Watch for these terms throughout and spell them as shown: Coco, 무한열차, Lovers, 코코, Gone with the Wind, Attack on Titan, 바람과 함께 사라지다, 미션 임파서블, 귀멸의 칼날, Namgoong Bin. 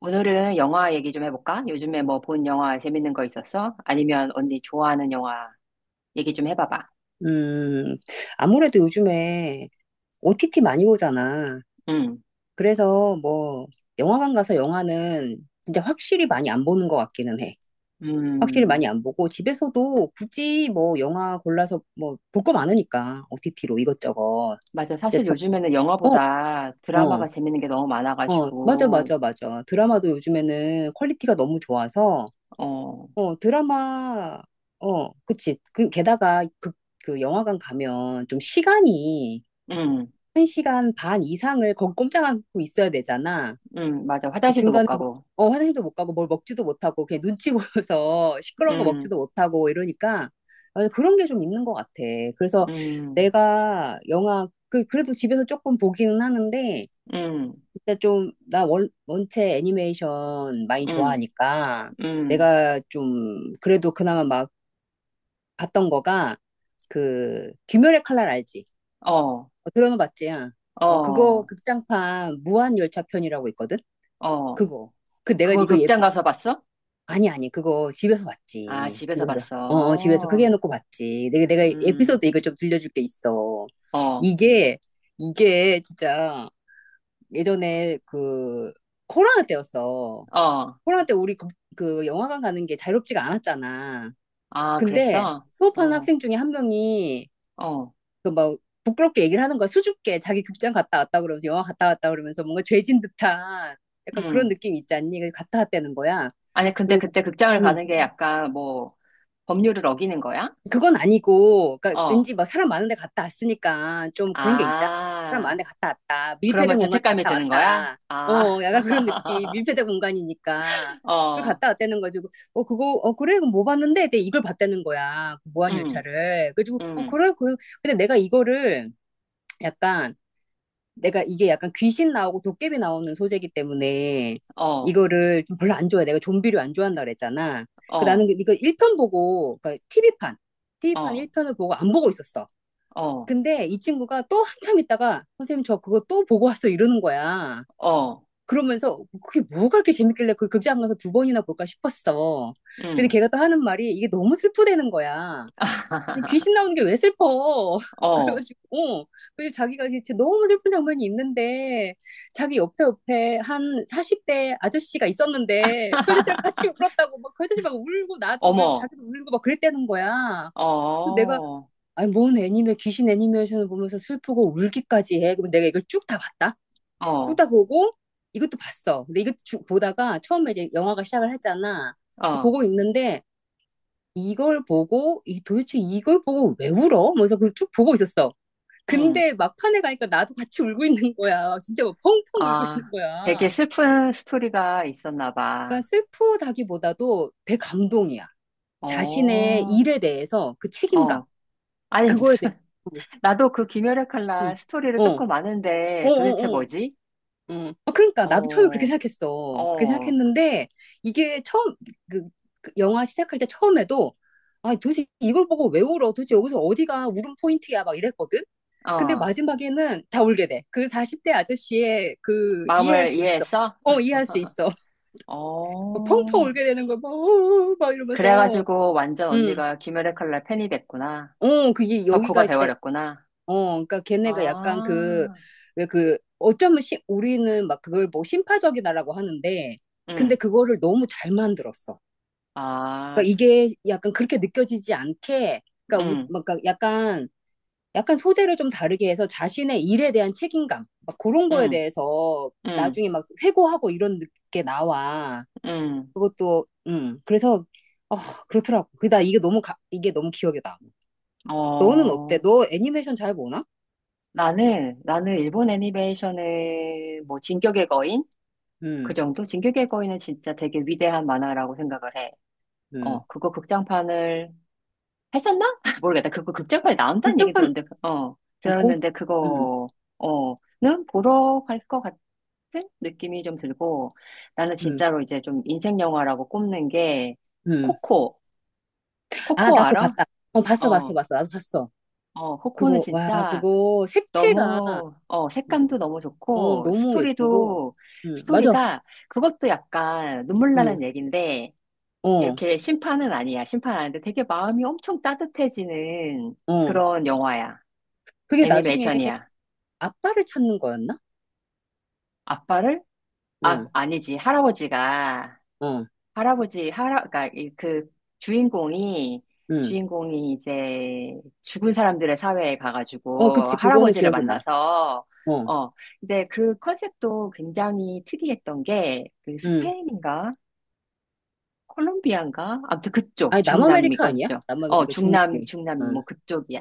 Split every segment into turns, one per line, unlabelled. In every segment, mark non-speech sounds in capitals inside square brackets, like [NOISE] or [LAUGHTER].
오늘은 영화 얘기 좀 해볼까? 요즘에 뭐 본 영화 재밌는 거 있었어? 아니면 언니 좋아하는 영화 얘기 좀 해봐봐.
음, 아무래도 요즘에 OTT 많이 오잖아.
응,
그래서 뭐, 영화관 가서 영화는 진짜 확실히 많이 안 보는 것 같기는 해. 확실히
음,
많이 안 보고, 집에서도 굳이 뭐, 영화 골라서 뭐, 볼 거 많으니까, OTT로 이것저것.
맞아.
이제
사실
더,
요즘에는
어,
영화보다 드라마가
어,
재밌는 게 너무
맞아,
많아가지고,
맞아, 맞아. 드라마도 요즘에는 퀄리티가 너무 좋아서,
어,
어, 드라마, 그치. 그, 게다가 그, 그 영화관 가면 좀 시간이
응,
1시간 반 이상을 거기 꼼짝 않고 있어야 되잖아.
응, 맞아. 화장실도 못
중간에 뭐,
가고,
화장도 못 가고 뭘 먹지도 못하고 그냥 눈치 보여서 [LAUGHS] 시끄러운 거
응,
먹지도 못하고 이러니까 아, 그런 게 좀 있는 것 같아. 그래서
응,
내가 영화 그, 그래도 집에서 조금 보기는 하는데
응,
진짜 좀 나 원, 원체 애니메이션 많이
응,
좋아하니까
응,
내가 좀 그래도 그나마 막 봤던 거가 그 귀멸의 칼날 알지?
어,
어, 들어는 봤지야. 어, 그거
어,
극장판 무한열차 편이라고 있거든?
어.
그거. 그 내가
그걸
이거
극장 가서 봤어?
아니, 아니, 그거 집에서
아,
봤지.
집에서
집에서. 어, 어, 집에서 크게
봤어.
해놓고 봤지. 내가, 내가
음,
에피소드 이거 좀 들려줄 게 있어.
어,
이게, 이게 진짜 예전에 그 코로나 때였어.
어.
코로나 때 우리 그, 그 영화관 가는 게 자유롭지가 않았잖아.
아,
근데
그랬어?
수업하는
어,
학생 중에 한 명이
어,
그뭐 부끄럽게 얘기를 하는 거야. 수줍게 자기 극장 갔다 왔다 그러면서 영화 갔다 왔다 그러면서 뭔가 죄진 듯한 약간 그런
음.
느낌 있지 않니? 그래서 갔다 왔다는 거야.
아니, 근데
그리고
그때 극장을
뭐,
가는 게 약간 뭐, 법률을 어기는 거야?
그건 아니고, 그러니까
어,
왠지 막 사람 많은 데 갔다 왔으니까 좀 그런 게 있잖아. 사람 많은
아,
데 갔다 왔다.
그러면
밀폐된 공간에
죄책감이
갔다
드는 거야?
왔다.
아,
어, 약간 그런 느낌.
[LAUGHS]
밀폐된 공간이니까. 그
어,
갔다 왔다는 가지고, 그거, 그래, 그거 뭐 봤는데? 근데 이걸 봤다는 거야. 그
음,
무한열차를. 그래가지고,
음,
그래, 그래. 근데 내가 이거를 약간 내가 이게 약간 귀신 나오고 도깨비 나오는 소재이기 때문에
어,
이거를 좀 별로 안 좋아해. 내가 좀비를 안 좋아한다 그랬잖아. 그 나는
어,
이거 1편 보고, 그러니까 TV판, TV판
어,
1편을 보고 안 보고 있었어.
어,
근데 이 친구가 또 한참 있다가 선생님 저 그거 또 보고 왔어 이러는 거야.
어,
그러면서 그게 뭐가 그렇게 재밌길래 그 극장 가서 두 번이나 볼까 싶었어. 근데
음,
걔가 또 하는 말이 이게 너무 슬프대는 거야. 아니 귀신
[LAUGHS]
나오는 게 왜 슬퍼? [LAUGHS]
어,
그래가지고 어. 그리고 자기가 이 진짜 너무 슬픈 장면이 있는데 자기 옆에 옆에 한 40대 아저씨가 있었는데 그 아저씨랑 같이
[LAUGHS]
울었다고 막 그 아저씨 막 울고 나도 울고
어머,
자기도 울고 막 그랬다는 거야.
어,
그래서 내가
어,
아니 뭔 애니메 귀신 애니메이션을 보면서 슬프고 울기까지 해. 그럼 내가 이걸 쭉 다 봤다. 쭉 다 보고 이것도 봤어. 근데 이것도 쭉 보다가 처음에 이제 영화가 시작을 했잖아. 그거
어,
보고 있는데 이걸 보고 이 도대체 이걸 보고 왜 울어? 그래서 그걸 쭉 보고 있었어.
음,
근데 막판에 가니까 나도 같이 [LAUGHS] 울고 있는 거야. 진짜 막 펑펑 울고 있는
아, 되게
거야.
슬픈 스토리가 있었나 봐.
그러니까 슬프다기보다도 대감동이야. 자신의
어,
일에 대해서 그 책임감,
어. 아니,
그거에
무슨,
대해서.
[LAUGHS] 나도 그 김열의
응.
칼날 스토리를
어,
조금
어,
아는데 도대체
어, 어,
뭐지?
그러니까 나도 처음에 그렇게
어,
생각했어. 그렇게
어,
생각했는데 이게 처음 그, 그 영화 시작할 때 처음에도 아 도대체 이걸 보고 왜 울어? 도대체 여기서 어디가 울음 포인트야? 막 이랬거든. 근데
어.
마지막에는 다 울게 돼. 그 40대 아저씨의 그 이해할
마음을
수 있어.
이해했어?
어 이해할 수 있어. [LAUGHS] 막 펑펑
어.
울게 되는 거막 막 어, 어, 막 이러면서
그래가지고 완전
음.
언니가 김열의 칼날 팬이 됐구나.
어 그게
덕후가
여기가 진짜
돼버렸구나.
그러니까 걔네가 약간 그,
아,
왜 그, 어쩌면 시, 우리는 막 그걸 뭐 심파적이다라고 하는데, 근데
응.
그거를 너무 잘 만들었어.
아,
그러니까 이게 약간 그렇게 느껴지지 않게, 그러니까, 우,
응,
막 그러니까 약간, 약간 소재를 좀 다르게 해서 자신의 일에 대한 책임감, 막 그런 거에
응,
대해서
응,
나중에 막 회고하고 이런 느- 게 나와.
응.
그것도, 그래서, 어, 그렇더라고. 그다 이게 너무, 가- 이게 너무 기억에 나. 너는 어때?
어.
너 애니메이션 잘 보나?
나는 일본 애니메이션은 뭐, 진격의 거인? 그
음,
정도? 진격의 거인은 진짜 되게 위대한 만화라고 생각을 해. 어,
음.
그거 극장판을 했었나? [LAUGHS] 모르겠다. 그거 극장판에 나온다는 얘기
극장판
들었는데, 그,
어, 보,
들었는데
음,
그거, 어, 는 보러 갈 것 같은 느낌이 좀 들고, 나는
음,
진짜로 이제 좀 인생 영화라고 꼽는 게,
음.
코코.
아,
코코
나 그거
알아?
봤다. 어, 봤어, 봤어,
어,
봤어. 나도 봤어.
어, 코코는
그거, 와,
진짜
그거 색채가,
너무,
음,
색감도 너무
어,
좋고,
너무 예쁘고,
스토리도,
맞아.
스토리가, 그것도 약간 눈물
응,
나는 얘기인데,
어,
이렇게 심판은 아니야. 심판 아닌데 되게 마음이 엄청 따뜻해지는
어.
그런 영화야.
그게 나중에
애니메이션이야.
아빠를 찾는 거였나?
아빠를? 아,
응,
아니지. 할아버지가,
어,
그러니까 그 주인공이,
응.
주인공이 이제 죽은 사람들의 사회에
어,
가가지고
그치. 그거는
할아버지를
기억이 나.
만나서,
어,
어, 근데 그 컨셉도 굉장히 특이했던 게 그
응.
스페인인가? 콜롬비아인가? 아무튼 그쪽,
아니,
중남미
남아메리카 아니야?
거죠. 어,
남아메리카 중남미.
중남미,
응,
뭐 그쪽이야.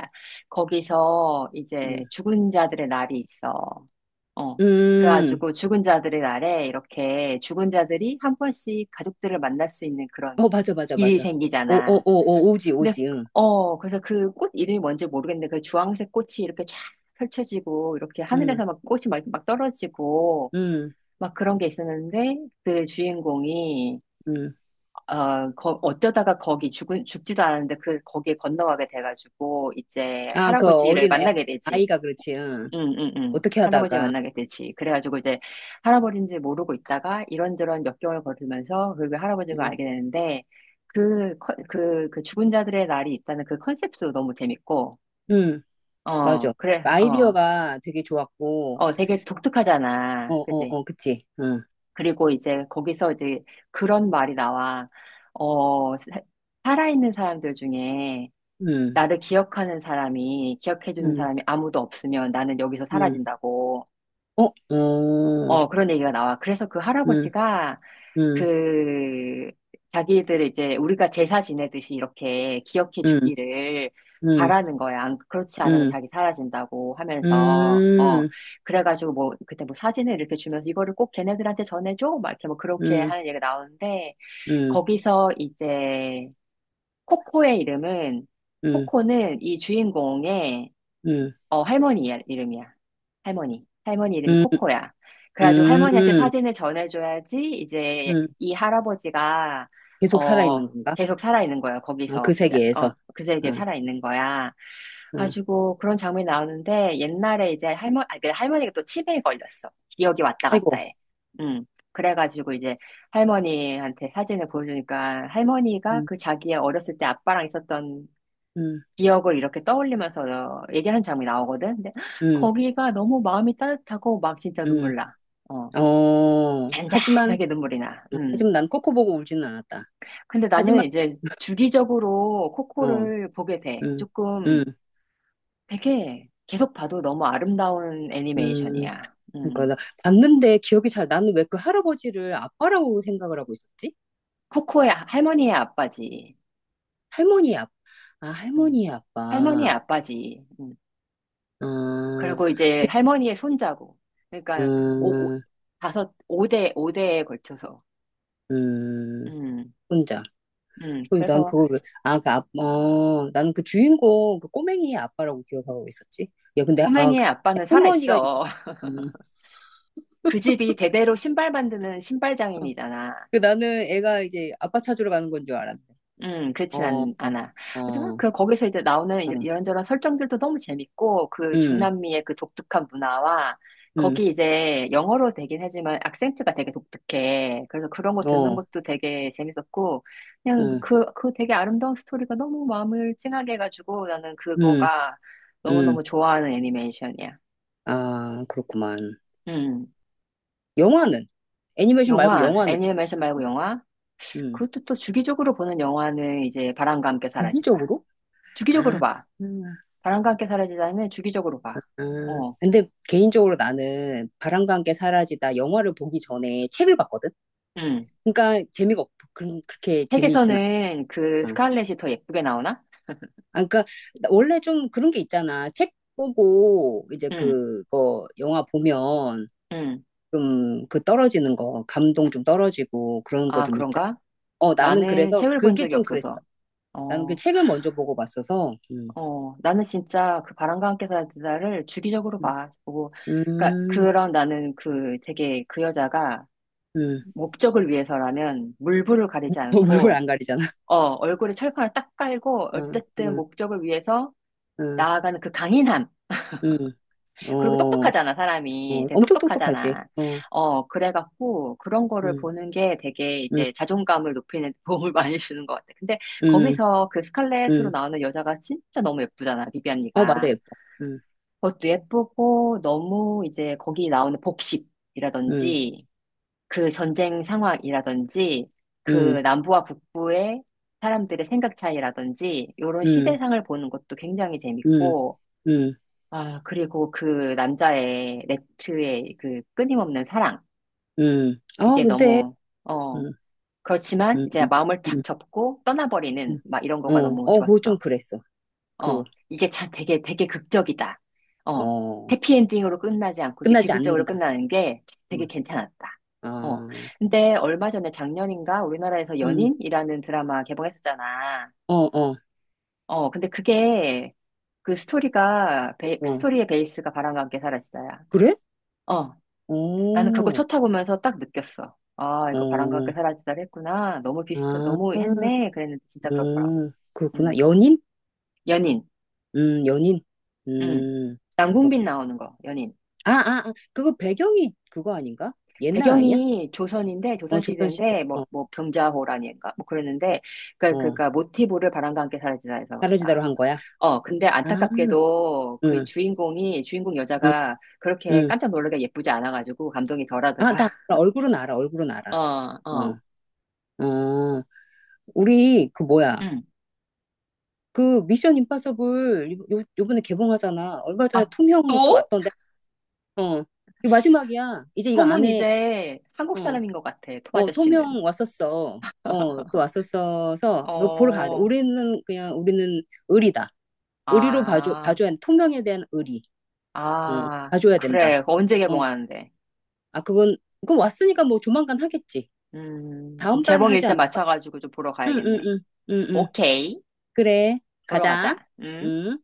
거기서
응.
이제 죽은 자들의 날이 있어. 어.
음,
그래가지고 죽은 자들의 날에 이렇게 죽은 자들이 한 번씩 가족들을 만날 수 있는 그런
어, 맞아, 맞아,
길이
맞아. 오, 오,
생기잖아.
오, 오, 오지,
근데,
오지, 응.
그래서 그 꽃 이름이 뭔지 모르겠는데 그 주황색 꽃이 이렇게 쫙 펼쳐지고 이렇게
응,
하늘에서 막 꽃이 막 떨어지고
응,
막 그런 게 있었는데 그 주인공이
응.
어쩌다가 거기 죽지도 않았는데 그, 거기에 건너가게 돼가지고, 이제
아, 그
할아버지를
어린 애,
만나게 되지.
아이가 그렇지. 응.
응, 응, 응.
어떻게
할아버지
하다가.
만나게 되지. 그래가지고 이제 할아버지인지 모르고 있다가 이런저런 역경을 거들면서 그 할아버지가
응.
알게 되는데, 그 죽은 자들의 날이 있다는 그 컨셉도 너무 재밌고,
응, 맞아.
어, 그래, 어,
아이디어가 되게 좋았고.
어, 되게
어,
독특하잖아.
어,
그지?
어, 그치. 응.
그리고 이제 거기서 이제 그런 말이 나와. 어, 사- 살아있는 사람들 중에
응.
나를 기억하는 사람이, 기억해주는
응.
사람이 아무도 없으면 나는 여기서
응.
사라진다고.
어, 어.
어, 그런 얘기가 나와. 그래서 그
응.
할아버지가
응.
그 자기들 이제 우리가 제사 지내듯이 이렇게 기억해
응.
주기를
응.
바라는 거야. 그렇지 않으면
응.
자기 사라진다고 하면서, 어,
음.
그래가지고 뭐, 그때 뭐 사진을 이렇게 주면서 이거를 꼭 걔네들한테 전해줘? 막 이렇게 뭐 그렇게
응.
하는 얘기가 나오는데,
응. 응.
거기서 이제 코코의 이름은
응.
코코는 이 주인공의
응.
할머니 이름이야. 할머니. 할머니 이름이
응.
코코야. 그래가지고 할머니한테
응.
사진을 전해줘야지 이제
응.
이 할아버지가,
계속 살아있는
어,
건가?
계속 살아있는 거야.
어, 그
거기서.
세계에서.
그제에게
응.
살아있는 거야.
응.
가지고 그런 장면이 나오는데 옛날에 이제 그 할머니가 또 치매에 걸렸어. 기억이 왔다 갔다
아이고.
해. 음. 그래가지고 이제 할머니한테 사진을 보여주니까 할머니가
응.
그 자기의 어렸을 때 아빠랑 있었던
응.
기억을 이렇게 떠올리면서 얘기한 장면이 나오거든. 근데
응.
거기가 너무 마음이 따뜻하고 막 진짜
응.
눈물 나. 어,
어. 하지만
잔잔하게 눈물이 나.
어,
음.
하지만 난 코코 보고 울지는 않았다.
근데 나는
하지만
이제 주기적으로
어,
코코를 보게 돼.
음,
조금
음,
되게 계속 봐도 너무 아름다운
음.
애니메이션이야.
그러니까
음.
나 봤는데 기억이 잘 나는 왜 그 할아버지를 아빠라고 생각을 하고 있었지?
코코의 할머니의 아빠지.
할머니의 아빠. 아,
음.
할머니의
할머니의
아빠.
아빠지. 음.
아,
그리고 이제 할머니의 손자고. 그러니까 오, 오,
음,
다섯, 오대오대에 걸쳐서.
음,
음.
혼자. 그리고 난
그래서
그걸 왜, 아, 그, 아, 어, 나는 그 주인공, 그 꼬맹이의 아빠라고 기억하고 있었지. 야, 근데, 아,
꼬맹이의
그치.
아빠는
할머니가,
살아있어. [LAUGHS]
음,
그 집이 대대로 신발 만드는 신발
어.
장인이잖아.
그 나는 애가 이제 아빠 찾으러 가는 건 줄 알았네.
그렇진
어, 어,
않아. 하지만
어.
그 거기서 이제 나오는
어.
이런저런 설정들도 너무 재밌고 그
음,
중남미의 그 독특한 문화와
음,
거기 이제 영어로 되긴 하지만 악센트가 되게 독특해. 그래서 그런 거 듣는
어,
것도 되게 재밌었고 그냥
음,
그 되게 아름다운 스토리가 너무 마음을 찡하게 해가지고 나는
음,
그거가
음.
너무너무 좋아하는 애니메이션이야.
아, 그렇구만.
음.
영화는? 애니메이션 말고
영화,
영화는?
애니메이션 말고 영화?
음,
그것도 또 주기적으로 보는 영화는 이제 바람과 함께 사라지다.
주기적으로?
주기적으로
아,
봐.
음,
바람과 함께 사라지다는 주기적으로 봐.
아.
어,
근데 개인적으로 나는 바람과 함께 사라지다 영화를 보기 전에 책을 봤거든?
음.
그러니까 재미가 없, 그런, 그렇게 재미있진
책에서는 그
않아.
스칼렛이 더 예쁘게 나오나?
아, 그러니까 나- 원래 좀 그런 게 있잖아. 책 보고 이제
응,
그거 영화 보면
응.
좀 그 떨어지는 거, 감동 좀 떨어지고 그런 거
아,
좀 있잖아.
그런가?
어, 나는
나는
그래서
책을 본
그게
적이
좀 그랬어.
없어서.
나는 그
어,
책을 먼저 보고 봤어서,
어. 나는 진짜 그 바람과 함께 사라지다를 주기적으로
음,
봐. 보고, 그러니까
음,
그런 나는 그 되게 그 여자가
음. [LAUGHS]
목적을 위해서라면 물불을 가리지
뭐 물불
않고
안 가리잖아.
얼굴에 철판을 딱 깔고
[LAUGHS] 응,
어쨌든
응,
목적을 위해서
응,
나아가는 그 강인함.
응.
그리고
어,
똑똑하잖아, 사람이.
어,
되게
엄청 똑똑하지.
똑똑하잖아.
어,
어, 그래갖고 그런 거를
응,
보는 게 되게
응,
이제 자존감을 높이는 [LAUGHS] 데 도움을 많이 주는 것 같아. 근데
응,
거기서 그 스칼렛으로
응.
나오는 여자가 진짜 너무 예쁘잖아,
어, 맞아,
비비안이가.
예뻐. 응,
그것도 예쁘고 너무 이제 거기 나오는
응,
복식이라든지 그 전쟁 상황이라든지 그
응,
남부와 북부의 사람들의 생각 차이라든지 이런
응,
시대상을 보는 것도 굉장히
응,
재밌고
응,
아, 그리고 그 남자의 렉트의 그 끊임없는 사랑.
응. 아,
이게
근데,
너무, 어,
응,
그렇지만
응,
이제
응,
마음을 착
응.
접고 떠나버리는
응.
막 이런 거가
어,
너무
어, 그거 좀
좋았어.
그랬어.
어,
그거,
이게 참 되게 극적이다. 어,
어,
해피엔딩으로 끝나지 않고 이게
끝나지
비극적으로
않는다.
끝나는 게 되게 괜찮았다.
어,
어,
어,
근데 얼마 전에 작년인가 우리나라에서
음,
연인이라는 드라마 개봉했었잖아.
어, 어,
어, 근데 그게 그
어.
스토리의 베이스가 바람과 함께 사라지다야.
그래?
어. 나는 그거
오,
첫 타보면서 딱 느꼈어. 아, 이거 바람과
어,
함께 사라지다 했구나. 너무
아,
너무 했네. 그랬는데 진짜 그렇더라고.
그렇구나.
음.
연인?
연인.
연인.
음.
음,
남궁빈
그렇군.
나오는 거, 연인.
아, 아, 아, 그거 배경이 그거 아닌가? 옛날 아니야?
배경이 조선인데,
어, 조선시대.
조선시대인데, 뭐,
어,
뭐, 병자호란인가? 뭐 그랬는데, 그, 그,
어,
그, 모티브를 바람과 함께 사라지다 해서 나왔어.
사라지다로 한 거야?
어, 근데
아,
안타깝게도 그
응,
주인공
응,
여자가 그렇게
응.
깜짝 놀라게 예쁘지 않아가지고 감동이
아,
덜하더라.
나 알아. 얼굴은 알아, 얼굴은 알아.
[LAUGHS] 어, 어.
어, 어, 우리, 그 뭐야.
음.
그 미션 임파서블 요, 요- 요번에 개봉하잖아. 얼마 전에
아,
톰 형 또
또?
왔던데. 어, 이 마지막이야. 이제 이거 안
톰은
해.
이제 한국
어.
사람인 것 같아, 톰
어,
아저씨는.
통영 왔었어. 어, 또 왔었어서 너 보러 가야 돼.
어,
우리는 그냥 우리는 의리다. 의리로 봐줘,
아,
봐줘야 돼. 통영에 대한 의리. 어,
아,
봐줘야 된다.
그래. 그거 언제
어,
개봉하는데?
아, 그건, 그건 왔으니까 뭐 조만간 하겠지.
그럼
다음 달에
개봉
하지
일자
않을까?
맞춰가지고 좀 보러
응, 응,
가야겠네.
응, 응, 응.
오케이.
그래,
보러
가자.
가자. 음.
응.